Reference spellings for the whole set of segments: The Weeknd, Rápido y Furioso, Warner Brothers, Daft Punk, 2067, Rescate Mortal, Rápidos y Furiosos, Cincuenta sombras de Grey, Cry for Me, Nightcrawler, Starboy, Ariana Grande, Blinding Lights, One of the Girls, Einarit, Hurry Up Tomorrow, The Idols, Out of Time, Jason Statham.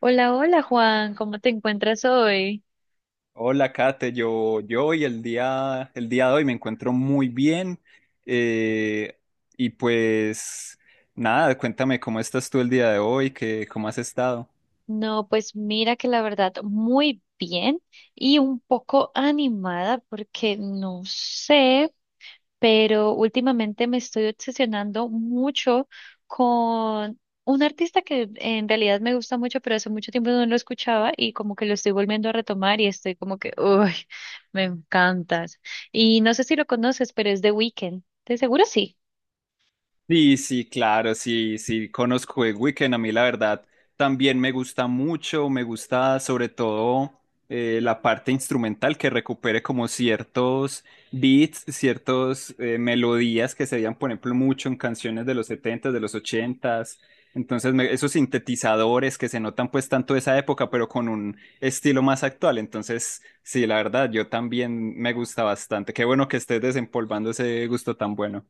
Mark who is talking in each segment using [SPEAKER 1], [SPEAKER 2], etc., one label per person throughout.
[SPEAKER 1] Hola, hola Juan, ¿cómo te encuentras hoy?
[SPEAKER 2] Hola, Kate. Yo hoy el día de hoy me encuentro muy bien. eh, y pues nada, cuéntame cómo estás tú el día de hoy, que, cómo has estado.
[SPEAKER 1] No, pues mira que la verdad muy bien y un poco animada porque no sé, pero últimamente me estoy obsesionando mucho con un artista que en realidad me gusta mucho, pero hace mucho tiempo no lo escuchaba y como que lo estoy volviendo a retomar y estoy como que, uy, me encantas. Y no sé si lo conoces, pero es The Weeknd. ¿De seguro sí?
[SPEAKER 2] Sí, sí, claro, sí, sí, conozco el Weekend. A mí, la verdad, también me gusta mucho. Me gusta, sobre todo, la parte instrumental que recupere como ciertos beats, ciertas melodías que se veían, por ejemplo, mucho en canciones de los setentas, de los ochentas. Entonces, esos sintetizadores que se notan, pues, tanto de esa época, pero con un estilo más actual. Entonces, sí, la verdad, yo también me gusta bastante. Qué bueno que estés desempolvando ese gusto tan bueno.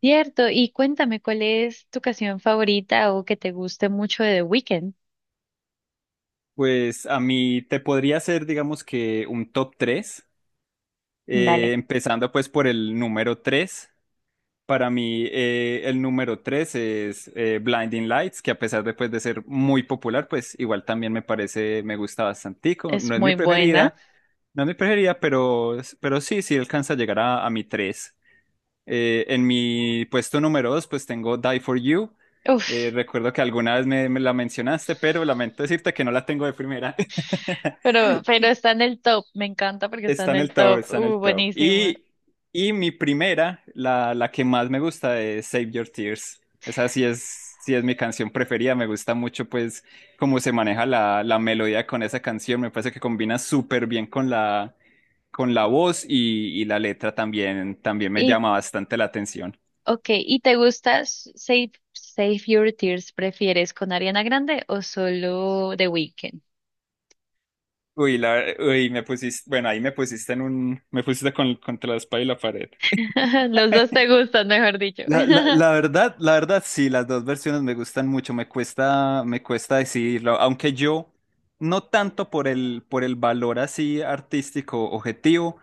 [SPEAKER 1] Cierto, y cuéntame cuál es tu canción favorita o que te guste mucho de The Weeknd.
[SPEAKER 2] Pues a mí te podría hacer, digamos que un top 3,
[SPEAKER 1] Dale.
[SPEAKER 2] empezando pues por el número 3. Para mí el número 3 es Blinding Lights, que a pesar de, pues, de ser muy popular, pues igual también me parece, me gusta bastantico. No
[SPEAKER 1] Es
[SPEAKER 2] es mi
[SPEAKER 1] muy buena.
[SPEAKER 2] preferida, no es mi preferida, pero sí, sí alcanza a llegar a mi 3. En mi puesto número 2 pues tengo Die For You.
[SPEAKER 1] Uf,
[SPEAKER 2] Recuerdo que alguna vez me la mencionaste, pero lamento decirte que no la tengo de primera.
[SPEAKER 1] pero está en el top. Me encanta porque está
[SPEAKER 2] Está
[SPEAKER 1] en
[SPEAKER 2] en
[SPEAKER 1] el
[SPEAKER 2] el top,
[SPEAKER 1] top.
[SPEAKER 2] está en el top.
[SPEAKER 1] Buenísima.
[SPEAKER 2] Y mi primera, la que más me gusta es Save Your Tears. Esa sí es mi canción preferida. Me gusta mucho, pues, cómo se maneja la melodía con esa canción. Me parece que combina súper bien con con la voz y la letra también, también me
[SPEAKER 1] Y,
[SPEAKER 2] llama bastante la atención.
[SPEAKER 1] ok, ¿y te gusta Save Your Tears? ¿Prefieres con Ariana Grande o solo The Weeknd?
[SPEAKER 2] Uy, la, uy, me pusiste, bueno, ahí me pusiste en un, me pusiste con, contra la espalda y la pared.
[SPEAKER 1] Los dos te gustan, mejor dicho.
[SPEAKER 2] La verdad, sí, las dos versiones me gustan mucho, me cuesta decidirlo, aunque yo no tanto por el valor así artístico objetivo,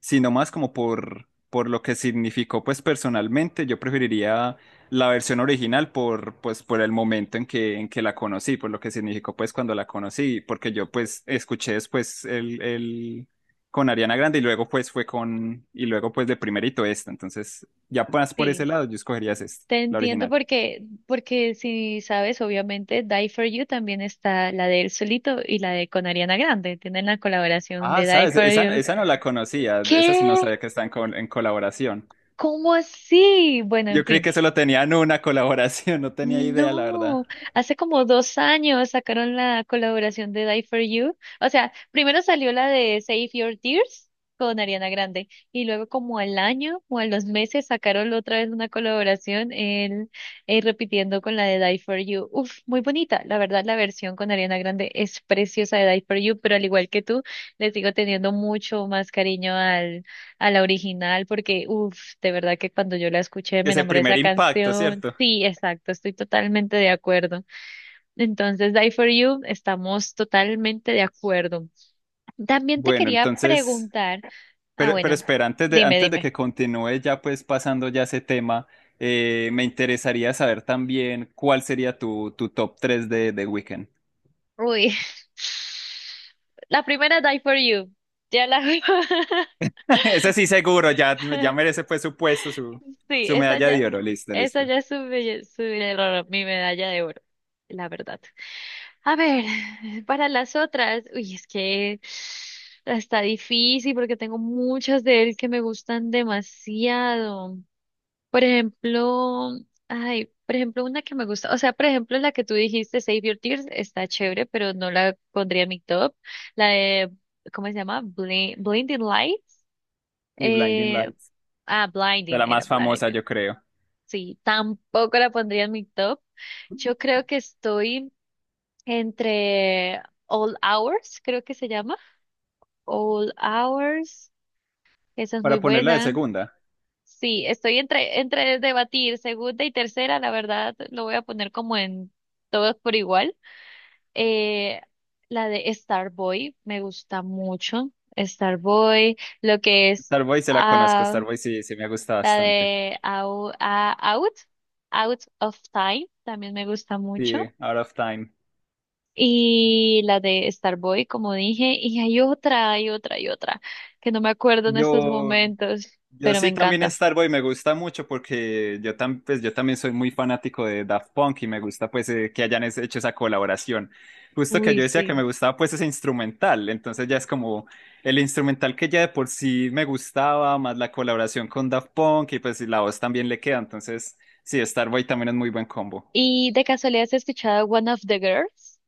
[SPEAKER 2] sino más como por lo que significó pues personalmente, yo preferiría la versión original por, pues, por el momento en que la conocí, por lo que significó pues cuando la conocí, porque yo pues escuché después con Ariana Grande y luego pues fue con, y luego pues de primerito esta, entonces... Ya pues por
[SPEAKER 1] Sí.
[SPEAKER 2] ese lado, yo escogería esta,
[SPEAKER 1] Te
[SPEAKER 2] la
[SPEAKER 1] entiendo
[SPEAKER 2] original.
[SPEAKER 1] porque, porque si sabes, obviamente Die For You también está la de él solito y la de con Ariana Grande. Tienen la colaboración
[SPEAKER 2] Ah,
[SPEAKER 1] de Die
[SPEAKER 2] sabes,
[SPEAKER 1] For You.
[SPEAKER 2] esa no la conocía, esa sí no
[SPEAKER 1] ¿Qué?
[SPEAKER 2] sabía que en colaboración.
[SPEAKER 1] ¿Cómo así? Bueno, en
[SPEAKER 2] Yo creí
[SPEAKER 1] fin.
[SPEAKER 2] que solo tenían una colaboración, no tenía idea, la verdad.
[SPEAKER 1] No, hace como 2 años sacaron la colaboración de Die for You. O sea, primero salió la de Save Your Tears con Ariana Grande y luego como al año o a los meses sacaron otra vez una colaboración él repitiendo con la de Die for You. Uf, muy bonita. La verdad, la versión con Ariana Grande es preciosa de Die for You, pero al igual que tú, le sigo teniendo mucho más cariño a la original porque, uff, de verdad que cuando yo la escuché me
[SPEAKER 2] Ese
[SPEAKER 1] enamoré de esa
[SPEAKER 2] primer impacto,
[SPEAKER 1] canción.
[SPEAKER 2] ¿cierto?
[SPEAKER 1] Sí, exacto, estoy totalmente de acuerdo. Entonces, Die for You, estamos totalmente de acuerdo. También te
[SPEAKER 2] Bueno,
[SPEAKER 1] quería
[SPEAKER 2] entonces,
[SPEAKER 1] preguntar, ah,
[SPEAKER 2] pero
[SPEAKER 1] bueno,
[SPEAKER 2] espera,
[SPEAKER 1] dime,
[SPEAKER 2] antes de que
[SPEAKER 1] dime.
[SPEAKER 2] continúe ya pues pasando ya ese tema, me interesaría saber también cuál sería tu top 3 de Weekend.
[SPEAKER 1] Uy, la primera Die for You, ya la...
[SPEAKER 2] Ese sí seguro, ya, ya merece pues su puesto, su,
[SPEAKER 1] Sí,
[SPEAKER 2] su medalla de oro, listo,
[SPEAKER 1] esa
[SPEAKER 2] listo.
[SPEAKER 1] ya es mi medalla de oro, la verdad. A ver, para las otras, uy, es que está difícil porque tengo muchas de él que me gustan demasiado. Por ejemplo, ay, por ejemplo, una que me gusta, o sea, por ejemplo, la que tú dijiste, Save Your Tears, está chévere, pero no la pondría en mi top. La de, ¿cómo se llama? Blinding Lights.
[SPEAKER 2] Y Blinding
[SPEAKER 1] Eh,
[SPEAKER 2] Lights. De
[SPEAKER 1] Blinding,
[SPEAKER 2] la
[SPEAKER 1] era
[SPEAKER 2] más famosa,
[SPEAKER 1] Blinding.
[SPEAKER 2] yo creo.
[SPEAKER 1] Sí, tampoco la pondría en mi top. Yo creo que estoy entre All Hours, creo que se llama. All Hours, esa es muy
[SPEAKER 2] Para ponerla de
[SPEAKER 1] buena.
[SPEAKER 2] segunda,
[SPEAKER 1] Sí, estoy entre debatir segunda y tercera, la verdad lo voy a poner como en todos por igual. Eh, la de Starboy me gusta mucho. Starboy, lo que es
[SPEAKER 2] Starboy se la conozco,
[SPEAKER 1] ah,
[SPEAKER 2] Starboy sí, sí me gusta
[SPEAKER 1] la
[SPEAKER 2] bastante.
[SPEAKER 1] de Au- ah, Out, Out of Time, también me gusta
[SPEAKER 2] Sí,
[SPEAKER 1] mucho.
[SPEAKER 2] Out of Time.
[SPEAKER 1] Y la de Starboy, como dije, y hay otra que no me acuerdo en estos
[SPEAKER 2] Yo,
[SPEAKER 1] momentos,
[SPEAKER 2] yo
[SPEAKER 1] pero me
[SPEAKER 2] sí también
[SPEAKER 1] encanta.
[SPEAKER 2] Starboy me gusta mucho porque yo, pues, yo también soy muy fanático de Daft Punk y me gusta pues que hayan hecho esa colaboración. Justo que
[SPEAKER 1] Uy,
[SPEAKER 2] yo decía que
[SPEAKER 1] sí.
[SPEAKER 2] me gustaba pues ese instrumental, entonces ya es como el instrumental que ya de por sí me gustaba, más la colaboración con Daft Punk y pues la voz también le queda, entonces sí, Starboy también es muy buen combo.
[SPEAKER 1] ¿Y de casualidad has escuchado One of the Girls?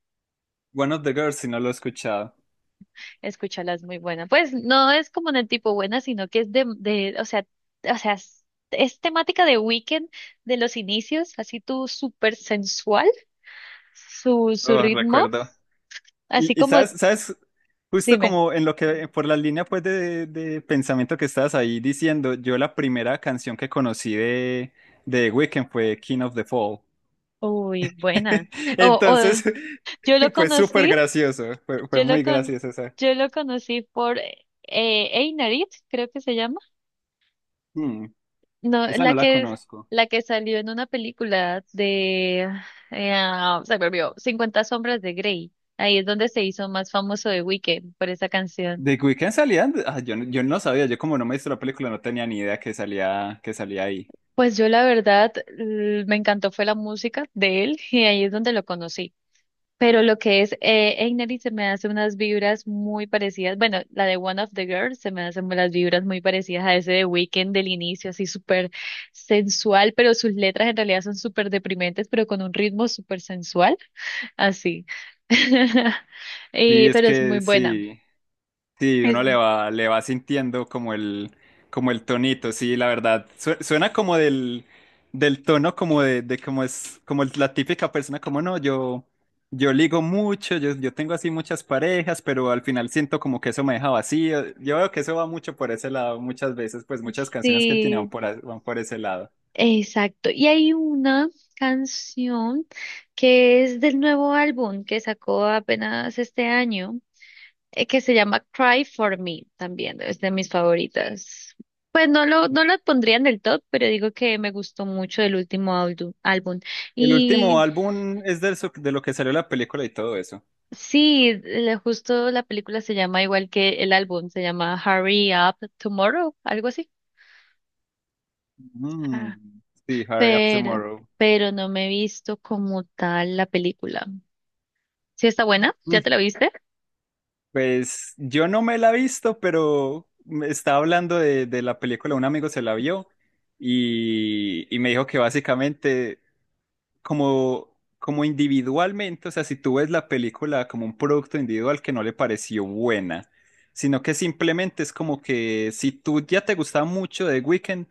[SPEAKER 2] One of the Girls, si no lo he escuchado.
[SPEAKER 1] Escúchala, es muy buena. Pues no es como en el tipo buena, sino que es o sea, o sea, es, es temática de Weekend de los inicios, así tú súper sensual, su
[SPEAKER 2] Oh,
[SPEAKER 1] ritmo,
[SPEAKER 2] recuerdo.
[SPEAKER 1] así
[SPEAKER 2] Y
[SPEAKER 1] como,
[SPEAKER 2] sabes, sabes, justo
[SPEAKER 1] dime,
[SPEAKER 2] como en lo que, por la línea pues de pensamiento que estabas ahí diciendo, yo la primera canción que conocí de The Weeknd fue King of the Fall.
[SPEAKER 1] uy, buena. O
[SPEAKER 2] Entonces,
[SPEAKER 1] yo lo
[SPEAKER 2] fue súper
[SPEAKER 1] conocí.
[SPEAKER 2] gracioso, fue, fue
[SPEAKER 1] Yo lo
[SPEAKER 2] muy
[SPEAKER 1] con,
[SPEAKER 2] gracioso esa.
[SPEAKER 1] yo lo conocí por Einarit, creo que se llama.
[SPEAKER 2] Hmm,
[SPEAKER 1] No,
[SPEAKER 2] esa no la conozco.
[SPEAKER 1] la que salió en una película de, se me olvidó, Cincuenta sombras de Grey. Ahí es donde se hizo más famoso de Weekend por esa canción.
[SPEAKER 2] The Weeknd salía, ah, yo, yo no sabía, yo como no me hice la película no tenía ni idea que salía ahí.
[SPEAKER 1] Pues yo la verdad me encantó fue la música de él y ahí es donde lo conocí. Pero lo que es Einari se me hace unas vibras muy parecidas. Bueno, la de One of the Girls se me hacen las vibras muy parecidas a ese de Weekend del inicio, así súper sensual, pero sus letras en realidad son súper deprimentes, pero con un ritmo súper sensual, así.
[SPEAKER 2] Y es
[SPEAKER 1] Pero es muy
[SPEAKER 2] que
[SPEAKER 1] buena.
[SPEAKER 2] sí. Sí,
[SPEAKER 1] Es-
[SPEAKER 2] uno le va sintiendo como el tonito, sí, la verdad. Suena como del, del tono como de como es la típica persona, como no, yo ligo mucho, yo tengo así muchas parejas, pero al final siento como que eso me deja vacío. Yo veo que eso va mucho por ese lado, muchas veces, pues muchas canciones que tiene van
[SPEAKER 1] sí,
[SPEAKER 2] por, van por ese lado.
[SPEAKER 1] exacto. Y hay una canción que es del nuevo álbum que sacó apenas este año. Que se llama Cry for Me también, es de mis favoritas. Pues no lo pondría en el top, pero digo que me gustó mucho el último álbum.
[SPEAKER 2] El último
[SPEAKER 1] Y
[SPEAKER 2] álbum es del, de lo que salió la película y todo eso.
[SPEAKER 1] sí, justo la película se llama igual que el álbum, se llama Hurry Up Tomorrow, algo así.
[SPEAKER 2] Mm,
[SPEAKER 1] Ah,
[SPEAKER 2] sí, Hurry Up
[SPEAKER 1] Pero,
[SPEAKER 2] Tomorrow.
[SPEAKER 1] pero no me he visto como tal la película. ¿Sí está buena? ¿Ya te la viste?
[SPEAKER 2] Pues yo no me la he visto, pero me estaba hablando de la película, un amigo se la vio y me dijo que básicamente como, como individualmente, o sea, si tú ves la película como un producto individual que no le pareció buena, sino que simplemente es como que si tú ya te gustaba mucho de Weekend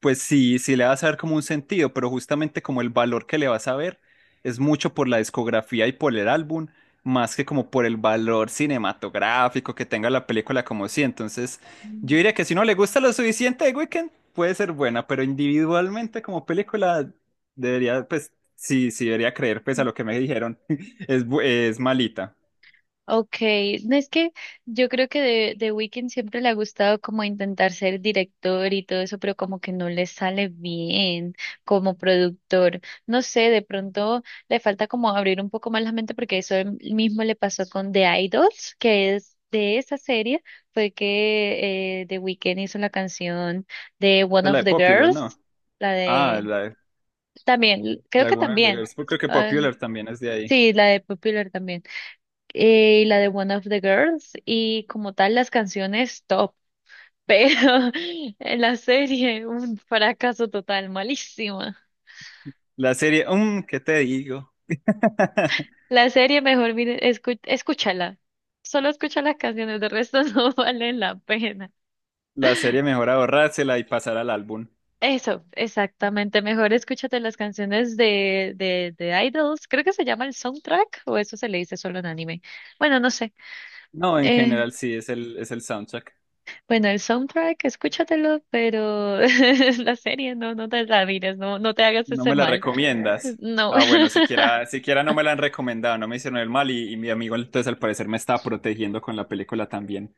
[SPEAKER 2] pues sí, sí le vas a dar como un sentido, pero justamente como el valor que le vas a ver es mucho por la discografía y por el álbum, más que como por el valor cinematográfico que tenga la película como sí. Entonces, yo
[SPEAKER 1] Mm.
[SPEAKER 2] diría que si no le gusta lo suficiente de Weekend, puede ser buena, pero individualmente como película debería, pues sí, sí debería creer, pues a lo que me dijeron, es malita.
[SPEAKER 1] Okay, no es que yo creo que de Weeknd siempre le ha gustado como intentar ser director y todo eso, pero como que no le sale bien como productor. No sé, de pronto le falta como abrir un poco más la mente porque eso mismo le pasó con The Idols, que es de esa serie, fue que The Weeknd hizo la canción de One
[SPEAKER 2] Es
[SPEAKER 1] of
[SPEAKER 2] la de
[SPEAKER 1] the
[SPEAKER 2] Popular,
[SPEAKER 1] Girls,
[SPEAKER 2] ¿no?
[SPEAKER 1] la
[SPEAKER 2] Ah,
[SPEAKER 1] de también, creo
[SPEAKER 2] la de
[SPEAKER 1] que
[SPEAKER 2] Warner
[SPEAKER 1] también,
[SPEAKER 2] Brothers. Creo que
[SPEAKER 1] ah,
[SPEAKER 2] Popular también es de ahí.
[SPEAKER 1] sí, la de Popular también y la de One of the Girls y como tal las canciones top, pero en la serie un fracaso total, malísima.
[SPEAKER 2] La serie, ¿qué te digo?
[SPEAKER 1] La serie mejor mire, escúchala, solo escucha las canciones, de resto no valen la pena.
[SPEAKER 2] La serie mejor ahorrársela y pasar al álbum.
[SPEAKER 1] Eso, exactamente, mejor escúchate las canciones de, de Idols, creo que se llama el soundtrack o eso se le dice solo en anime. Bueno, no sé.
[SPEAKER 2] No, en
[SPEAKER 1] Eh,
[SPEAKER 2] general sí, es el soundtrack.
[SPEAKER 1] bueno, el soundtrack, escúchatelo, pero la serie no, no te la mires, no, no te hagas
[SPEAKER 2] ¿No
[SPEAKER 1] ese
[SPEAKER 2] me la
[SPEAKER 1] mal.
[SPEAKER 2] recomiendas?
[SPEAKER 1] No.
[SPEAKER 2] Ah, bueno, siquiera, siquiera no me la han recomendado, no me hicieron el mal y mi amigo entonces al parecer me estaba protegiendo con la película también.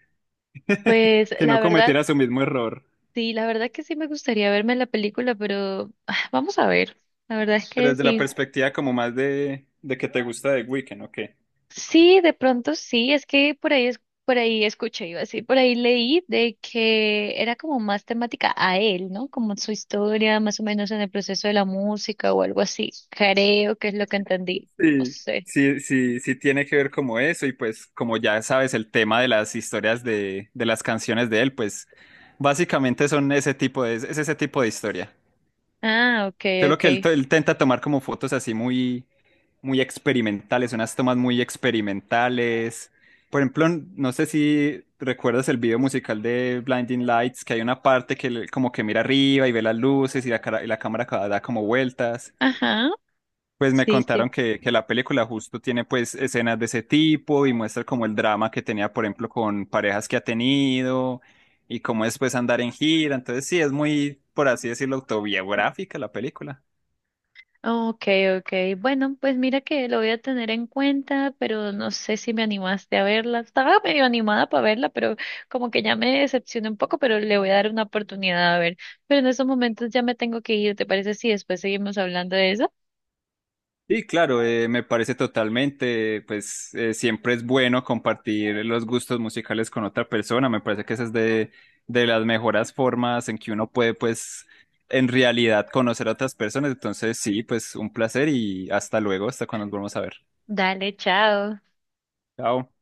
[SPEAKER 1] Pues
[SPEAKER 2] Que no
[SPEAKER 1] la verdad,
[SPEAKER 2] cometiera su mismo error.
[SPEAKER 1] sí, la verdad que sí me gustaría verme la película, pero ah, vamos a ver. La verdad es
[SPEAKER 2] Pero
[SPEAKER 1] que
[SPEAKER 2] desde la
[SPEAKER 1] sí.
[SPEAKER 2] perspectiva como más de que te gusta The Weeknd, ¿o qué?
[SPEAKER 1] Sí, de pronto sí, es que por ahí es, por ahí escuché, iba a decir, por ahí leí de que era como más temática a él, ¿no? Como su historia, más o menos en el proceso de la música o algo así. Creo que es lo que entendí. No
[SPEAKER 2] Sí,
[SPEAKER 1] sé.
[SPEAKER 2] sí, sí, sí tiene que ver como eso y pues como ya sabes el tema de las historias de las canciones de él, pues básicamente son ese tipo de, es ese tipo de historia.
[SPEAKER 1] Ah, okay,
[SPEAKER 2] Solo que él,
[SPEAKER 1] okay.
[SPEAKER 2] él tenta tomar como fotos así muy, muy experimentales, unas tomas muy experimentales. Por ejemplo, no sé si recuerdas el video musical de Blinding Lights, que hay una parte que él como que mira arriba y ve las luces y y la cámara da como vueltas.
[SPEAKER 1] Ajá,
[SPEAKER 2] Pues me
[SPEAKER 1] sí,
[SPEAKER 2] contaron
[SPEAKER 1] sí.
[SPEAKER 2] que la película justo tiene pues escenas de ese tipo y muestra como el drama que tenía, por ejemplo, con parejas que ha tenido y cómo es pues andar en gira. Entonces sí, es muy, por así decirlo, autobiográfica la película.
[SPEAKER 1] Okay, okay. Bueno, pues mira que lo voy a tener en cuenta, pero no sé si me animaste a verla. Estaba medio animada para verla, pero como que ya me decepcioné un poco, pero le voy a dar una oportunidad a ver. Pero en estos momentos ya me tengo que ir. ¿Te parece si después seguimos hablando de eso?
[SPEAKER 2] Sí, claro, me parece totalmente, pues siempre es bueno compartir los gustos musicales con otra persona, me parece que esa es de las mejores formas en que uno puede, pues, en realidad conocer a otras personas, entonces sí, pues un placer y hasta luego, hasta cuando nos volvamos a ver.
[SPEAKER 1] Dale, chao.
[SPEAKER 2] Chao.